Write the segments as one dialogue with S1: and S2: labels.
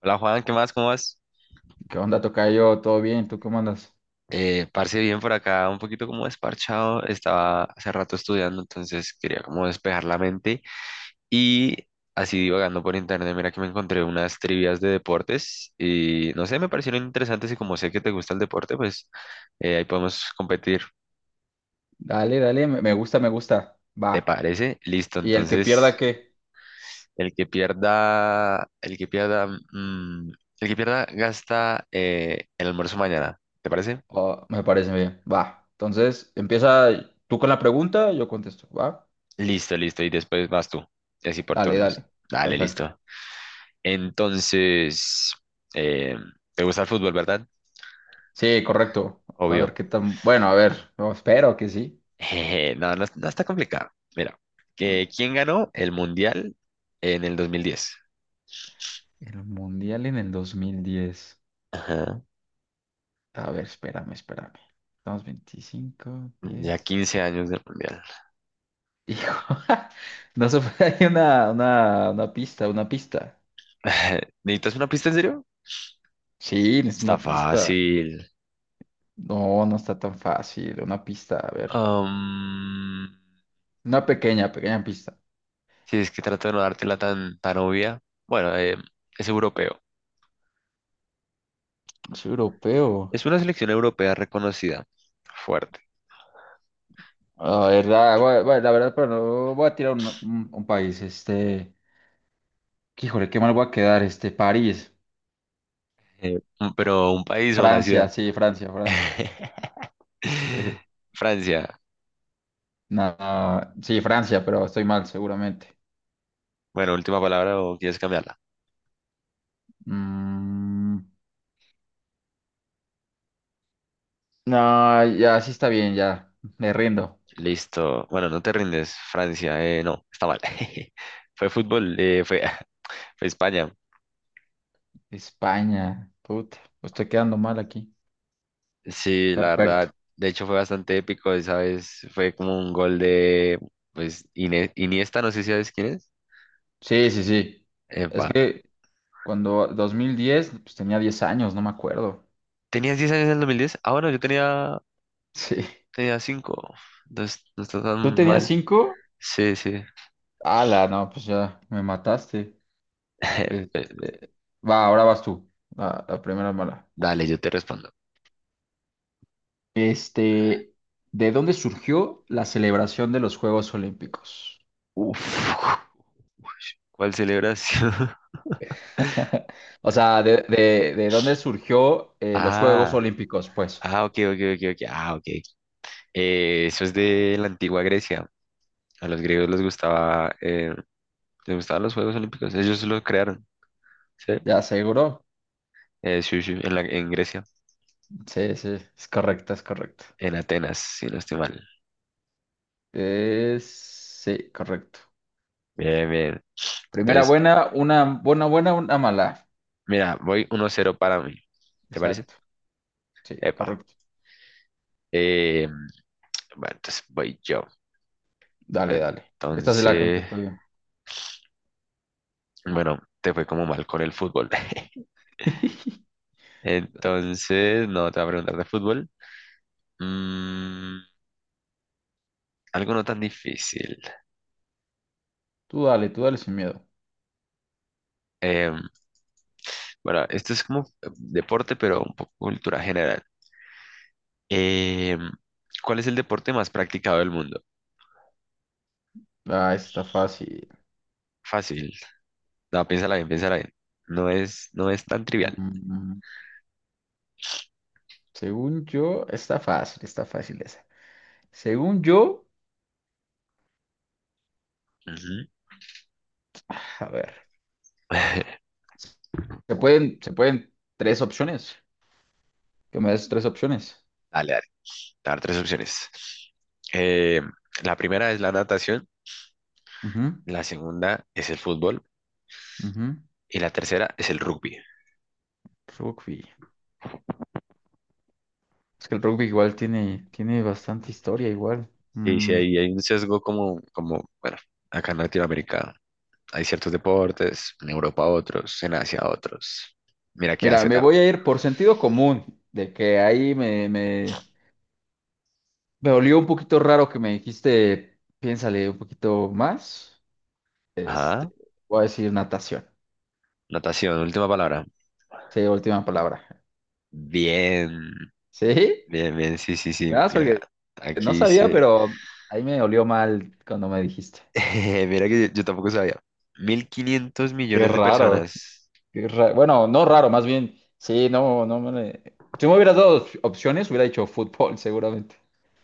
S1: Hola Juan, ¿qué más? ¿Cómo vas?
S2: ¿Qué onda, tocayo? ¿Todo bien? ¿Tú cómo andas?
S1: Parce, bien por acá, un poquito como desparchado. Estaba hace rato estudiando, entonces quería como despejar la mente y así divagando por internet. Mira que me encontré unas trivias de deportes y no sé, me parecieron interesantes y como sé que te gusta el deporte, pues ahí podemos competir.
S2: Dale, dale, me gusta, me gusta.
S1: ¿Te
S2: Va.
S1: parece? Listo,
S2: ¿Y el que
S1: entonces
S2: pierda qué?
S1: el que pierda, el que pierda, mm, el que pierda gasta el almuerzo mañana. ¿Te parece?
S2: Oh, me parece bien. Va. Entonces, empieza tú con la pregunta, yo contesto. Va.
S1: Listo, listo. Y después vas tú. Y así por
S2: Dale,
S1: turnos.
S2: dale.
S1: Dale,
S2: Perfecto.
S1: listo. Entonces, eh, ¿te gusta el fútbol, verdad?
S2: Sí, correcto. A
S1: Obvio.
S2: ver qué tan... Bueno, a ver, no, espero que sí.
S1: Jeje, no, no, no está complicado. Mira, que ¿quién ganó el mundial en el 2010?
S2: El Mundial en el 2010.
S1: Ajá.
S2: A ver, espérame, espérame. Estamos 25,
S1: Ya
S2: 10.
S1: 15 años del mundial.
S2: Hijo, no se puede, hay una, una pista, una pista.
S1: ¿Necesitas una pista en serio?
S2: Sí, es
S1: Está
S2: una pista.
S1: fácil.
S2: No, no está tan fácil. Una pista, a ver.
S1: Am,
S2: Una pequeña, pequeña pista.
S1: si es que trato de no dártela tan, tan obvia. Bueno, es europeo.
S2: Es europeo.
S1: Es una selección europea reconocida, fuerte.
S2: La verdad, la verdad, pero no voy a tirar un, un país. Este, que, híjole, qué mal voy a quedar. Este, París,
S1: Pero ¿un país o una
S2: Francia,
S1: ciudad?
S2: sí, Francia, Francia.
S1: Francia.
S2: Nada, sí, Francia, pero estoy mal, seguramente.
S1: Bueno, última palabra, o quieres cambiarla.
S2: Mm, no, ya sí está bien, ya. Me rindo.
S1: Listo. Bueno, no te rindes. Francia. No, está mal. Fue fútbol, fue, fue España.
S2: España, puta, pues estoy quedando mal aquí.
S1: Sí, la verdad.
S2: Perfecto.
S1: De hecho, fue bastante épico esa vez. Fue como un gol de, pues, Iniesta, no sé si sabes quién es.
S2: Sí, sí, sí. Es
S1: Epa.
S2: que cuando 2010, pues tenía 10 años, no me acuerdo.
S1: ¿Tenías 10 años en el 2010? Ah, bueno, yo tenía,
S2: Sí.
S1: tenía cinco. No, no está
S2: ¿Tú
S1: tan
S2: tenías
S1: mal.
S2: 5?
S1: Sí, sí.
S2: Ala, no, pues ya me mataste. Este, va, ahora vas tú. La primera mala.
S1: Dale, yo te respondo.
S2: Este, ¿de dónde surgió la celebración de los Juegos Olímpicos?
S1: Uf, ¿cuál celebración?
S2: O sea, ¿de, de dónde surgió los Juegos
S1: Ah,
S2: Olímpicos? Pues,
S1: ah, ok, ok, ok, ok. Ah, ok. Eso es de la antigua Grecia. A los griegos les gustaban los Juegos Olímpicos. Ellos lo crearon, ¿sí?
S2: ya seguro.
S1: Sí, sí, en Grecia,
S2: Sí, sí, es correcto, es correcto.
S1: en Atenas, si no estoy mal.
S2: Es... Sí, correcto.
S1: Bien, bien.
S2: Primera
S1: Entonces,
S2: buena, una buena, buena, una mala.
S1: mira, voy 1-0 para mí. ¿Te parece?
S2: Exacto. Sí,
S1: Epa.
S2: correcto.
S1: Eh, bueno, entonces voy yo.
S2: Dale, dale. Esta se la
S1: Entonces,
S2: contesto bien.
S1: bueno, te fue como mal con el fútbol.
S2: Dale.
S1: Entonces, no, te voy a preguntar de fútbol. Mm, algo no tan difícil.
S2: Tú dale, tú dale sin miedo.
S1: Em, bueno, esto es como deporte, pero un poco cultura general. Em, ¿Cuál es el deporte más practicado del mundo?
S2: Ah, está fácil.
S1: Fácil. No, piénsala bien, piénsala bien. No es tan trivial.
S2: Mm, Según yo, está fácil esa. Según yo,
S1: Ujú.
S2: a ver, se pueden tres opciones. Que me des tres opciones.
S1: Dale, dale. Te voy a dar tres opciones. Em, la primera es la natación,
S2: Ujú,
S1: la segunda es el fútbol
S2: ujú.
S1: y la tercera es el rugby.
S2: Rugby. Es que el rugby igual tiene, tiene bastante historia igual.
S1: Sí, sí,
S2: Mm,
S1: ahí hay un sesgo bueno, acá en Latinoamérica hay ciertos deportes, en Europa otros, en Asia otros. Mira qué
S2: Mira,
S1: Asia
S2: me
S1: también.
S2: voy a ir por sentido común, de que ahí me, me, me olió un poquito raro que me dijiste, piénsale un poquito más. Este,
S1: Ajá,
S2: voy a decir natación.
S1: natación, última palabra.
S2: Sí, última palabra.
S1: Bien,
S2: ¿Sí?
S1: bien, bien, sí, sí, sí.
S2: Nada más
S1: Mira,
S2: porque no
S1: aquí
S2: sabía,
S1: dice,
S2: pero ahí me olió mal cuando me dijiste.
S1: mira que yo tampoco sabía. mil quinientos
S2: Qué
S1: millones de
S2: raro.
S1: personas.
S2: Bueno, no raro, más bien. Sí, no, si me hubieras dado opciones, hubiera dicho fútbol, seguramente.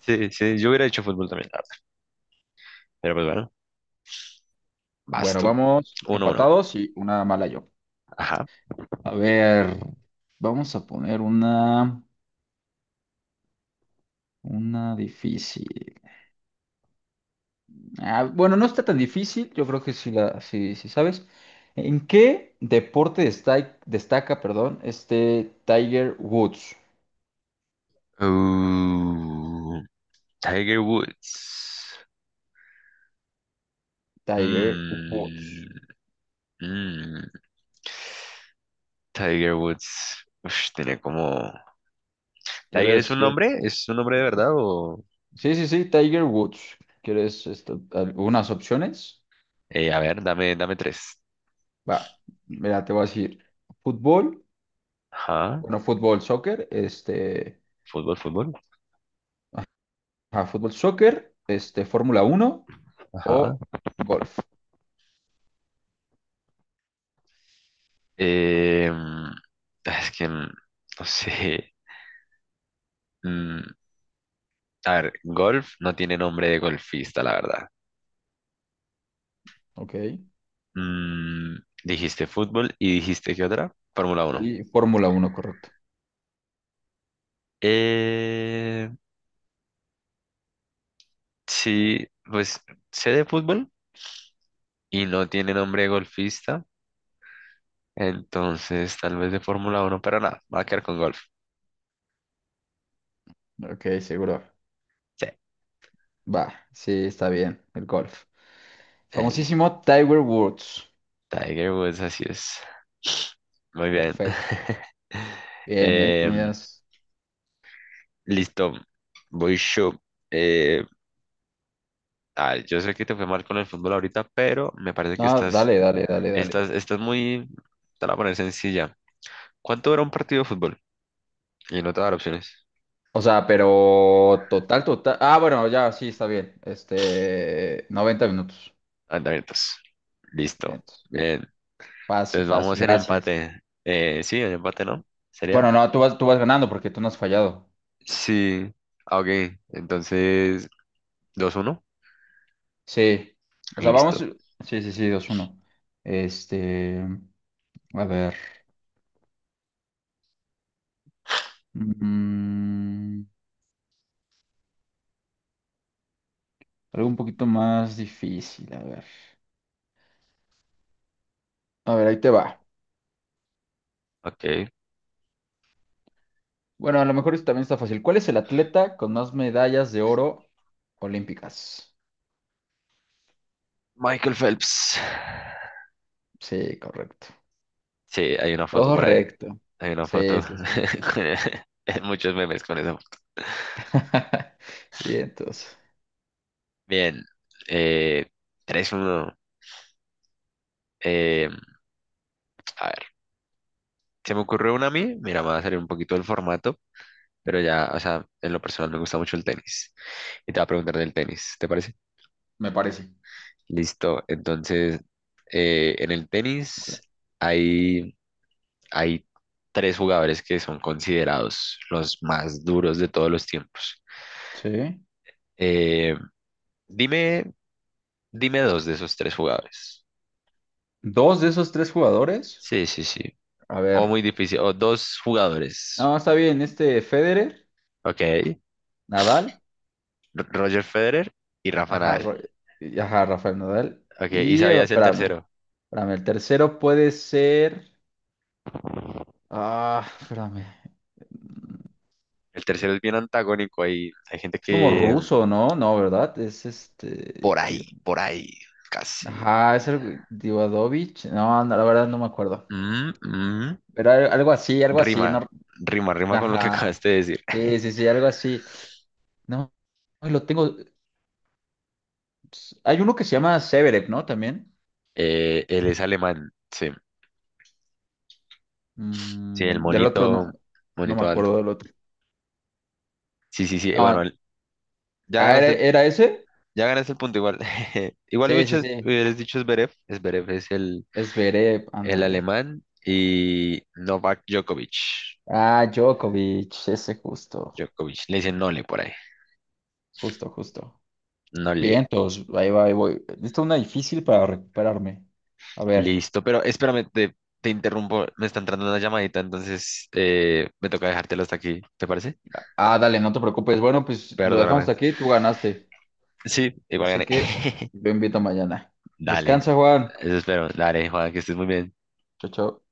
S1: Sí, sí, yo hubiera hecho fútbol también, la verdad. Pero pues bueno, vas
S2: Bueno,
S1: tú.
S2: vamos
S1: 1-1.
S2: empatados y una mala yo.
S1: Ajá.
S2: A ver, vamos a poner una difícil. Ah, bueno, no está tan difícil, yo creo que sí la, sí, sí sabes. ¿En qué deporte perdón, este Tiger Woods?
S1: Uh, Tiger Woods.
S2: Tiger Woods.
S1: Mm, mm, Tiger Woods. Ush, tenía como... ¿Tiger es
S2: ¿Quieres,
S1: un
S2: quieres?
S1: nombre? ¿Es un nombre de verdad o...?
S2: Sí, sí, sí, Tiger Woods. ¿Quieres algunas opciones?
S1: A ver, dame, dame tres.
S2: Va, mira, te voy a decir fútbol,
S1: Ajá.
S2: bueno, fútbol, soccer, este,
S1: Fútbol, fútbol.
S2: ah, fútbol, soccer, este, Fórmula uno
S1: Ajá.
S2: o golf.
S1: Eh, mm, es que... no sé. Mm, a ver, golf no tiene nombre de golfista, la verdad.
S2: Ok.
S1: Mm, dijiste fútbol y dijiste ¿qué otra? Fórmula 1.
S2: Y Fórmula uno, correcto.
S1: Eh, sí, pues sé de fútbol y no tiene nombre de golfista. Entonces, tal vez de Fórmula 1, pero nada, va a quedar con golf.
S2: Ok, seguro.
S1: Sí,
S2: Va, sí, está bien, el golf.
S1: el
S2: Famosísimo Tiger Woods.
S1: Tiger Woods, así es. Muy bien.
S2: Perfecto. Bien, ¿eh?
S1: Em,
S2: Tenías...
S1: listo, voy yo. Eh, yo sé que te fue mal con el fútbol ahorita, pero me parece que
S2: No,
S1: estás,
S2: dale, dale, dale, dale.
S1: estás, estás muy, te la voy a poner sencilla. ¿Cuánto dura un partido de fútbol? Y no te voy a dar opciones.
S2: O sea, pero total, total. Ah, bueno, ya, sí, está bien. Este, 90 minutos.
S1: Andamientos.
S2: Bien,
S1: Listo.
S2: entonces,
S1: Bien.
S2: fácil,
S1: Entonces
S2: fácil,
S1: vamos en
S2: gracias.
S1: empate. Sí, ¿en empate, no? ¿Sería?
S2: Bueno, no, tú vas ganando porque tú no has fallado.
S1: Sí, ah, ok. Entonces, 2-1.
S2: Sí. O sea, vamos.
S1: Listo.
S2: Sí, sí, sí, dos uno. Este, a ver. Mm, Algo un poquito más difícil, a ver. A ver, ahí te va.
S1: Ok.
S2: Bueno, a lo mejor esto también está fácil. ¿Cuál es el atleta con más medallas de oro olímpicas?
S1: Michael Phelps.
S2: Sí, correcto.
S1: Sí, hay una foto por ahí.
S2: Correcto.
S1: Hay una
S2: Sí,
S1: foto.
S2: sí, sí.
S1: con- Muchos memes con eso.
S2: Bien, entonces.
S1: Bien. Eh, 3-1. Eh, a ver, se me ocurrió una a mí. Mira, me va a salir un poquito del formato, pero ya, o sea, en lo personal me gusta mucho el tenis. Y te va a preguntar del tenis, ¿te parece?
S2: Me parece.
S1: Listo. Entonces, en el tenis hay hay tres jugadores que son considerados los más duros de todos los tiempos.
S2: Sí.
S1: Eh, dime, dime dos de esos tres jugadores.
S2: Dos de esos tres jugadores.
S1: Sí, sí, sí.
S2: A ver.
S1: O muy difícil. O dos jugadores.
S2: No, está bien. Este Federer,
S1: Ok.
S2: Nadal.
S1: Roger Federer y Rafa
S2: Ajá,
S1: Nadal.
S2: Ajá, Rafael Nadal.
S1: Ok. Y
S2: Y
S1: sabías el
S2: espérame.
S1: tercero.
S2: Espérame. El tercero puede ser. Ah, espérame.
S1: El tercero es bien antagónico. Hay gente
S2: Es como
S1: que
S2: ruso, ¿no? No, ¿verdad? Es este.
S1: por ahí, casi.
S2: Ajá, es el Divadovich. No, no, la verdad no me acuerdo.
S1: Mm, mm.
S2: Pero algo así,
S1: Rima,
S2: no.
S1: rima, rima con lo que
S2: Ajá.
S1: acabaste de decir.
S2: Sí, sí, sí, algo así. No, ay, lo tengo. Hay uno que se llama Severev, ¿no? También.
S1: Él es alemán. Sí. Sí, el
S2: Mm, del otro
S1: monito,
S2: no. No me
S1: monito
S2: acuerdo
S1: alto.
S2: del otro.
S1: Sí, sí, sí.
S2: No,
S1: Bueno, ya
S2: ah,
S1: ganas
S2: ¿era,
S1: el,
S2: era ese?
S1: ya ganas el punto igual. Igual
S2: Sí, sí,
S1: hubieras
S2: sí.
S1: hubieras dicho Zverev. Zverev es el,
S2: Es Zverev,
S1: el
S2: ándale.
S1: alemán y Novak Djokovic.
S2: Ah, Djokovic, ese justo.
S1: Djokovic. Le dicen Nole por ahí.
S2: Justo, justo.
S1: Nole.
S2: Bien, todos, ahí va, ahí voy. Esta es una difícil para recuperarme. A ver.
S1: Listo. Pero espérame, te interrumpo. Me está entrando una llamadita, entonces me toca dejártelo hasta aquí. ¿Te parece?
S2: Ah, dale, no te preocupes. Bueno, pues lo dejamos
S1: Perdóname.
S2: hasta aquí, tú ganaste.
S1: Sí, igual
S2: Así
S1: gané.
S2: que yo invito mañana.
S1: Dale.
S2: Descansa, Juan.
S1: Eso espero. Dale, Juan, que estés muy bien.
S2: Chao, chao.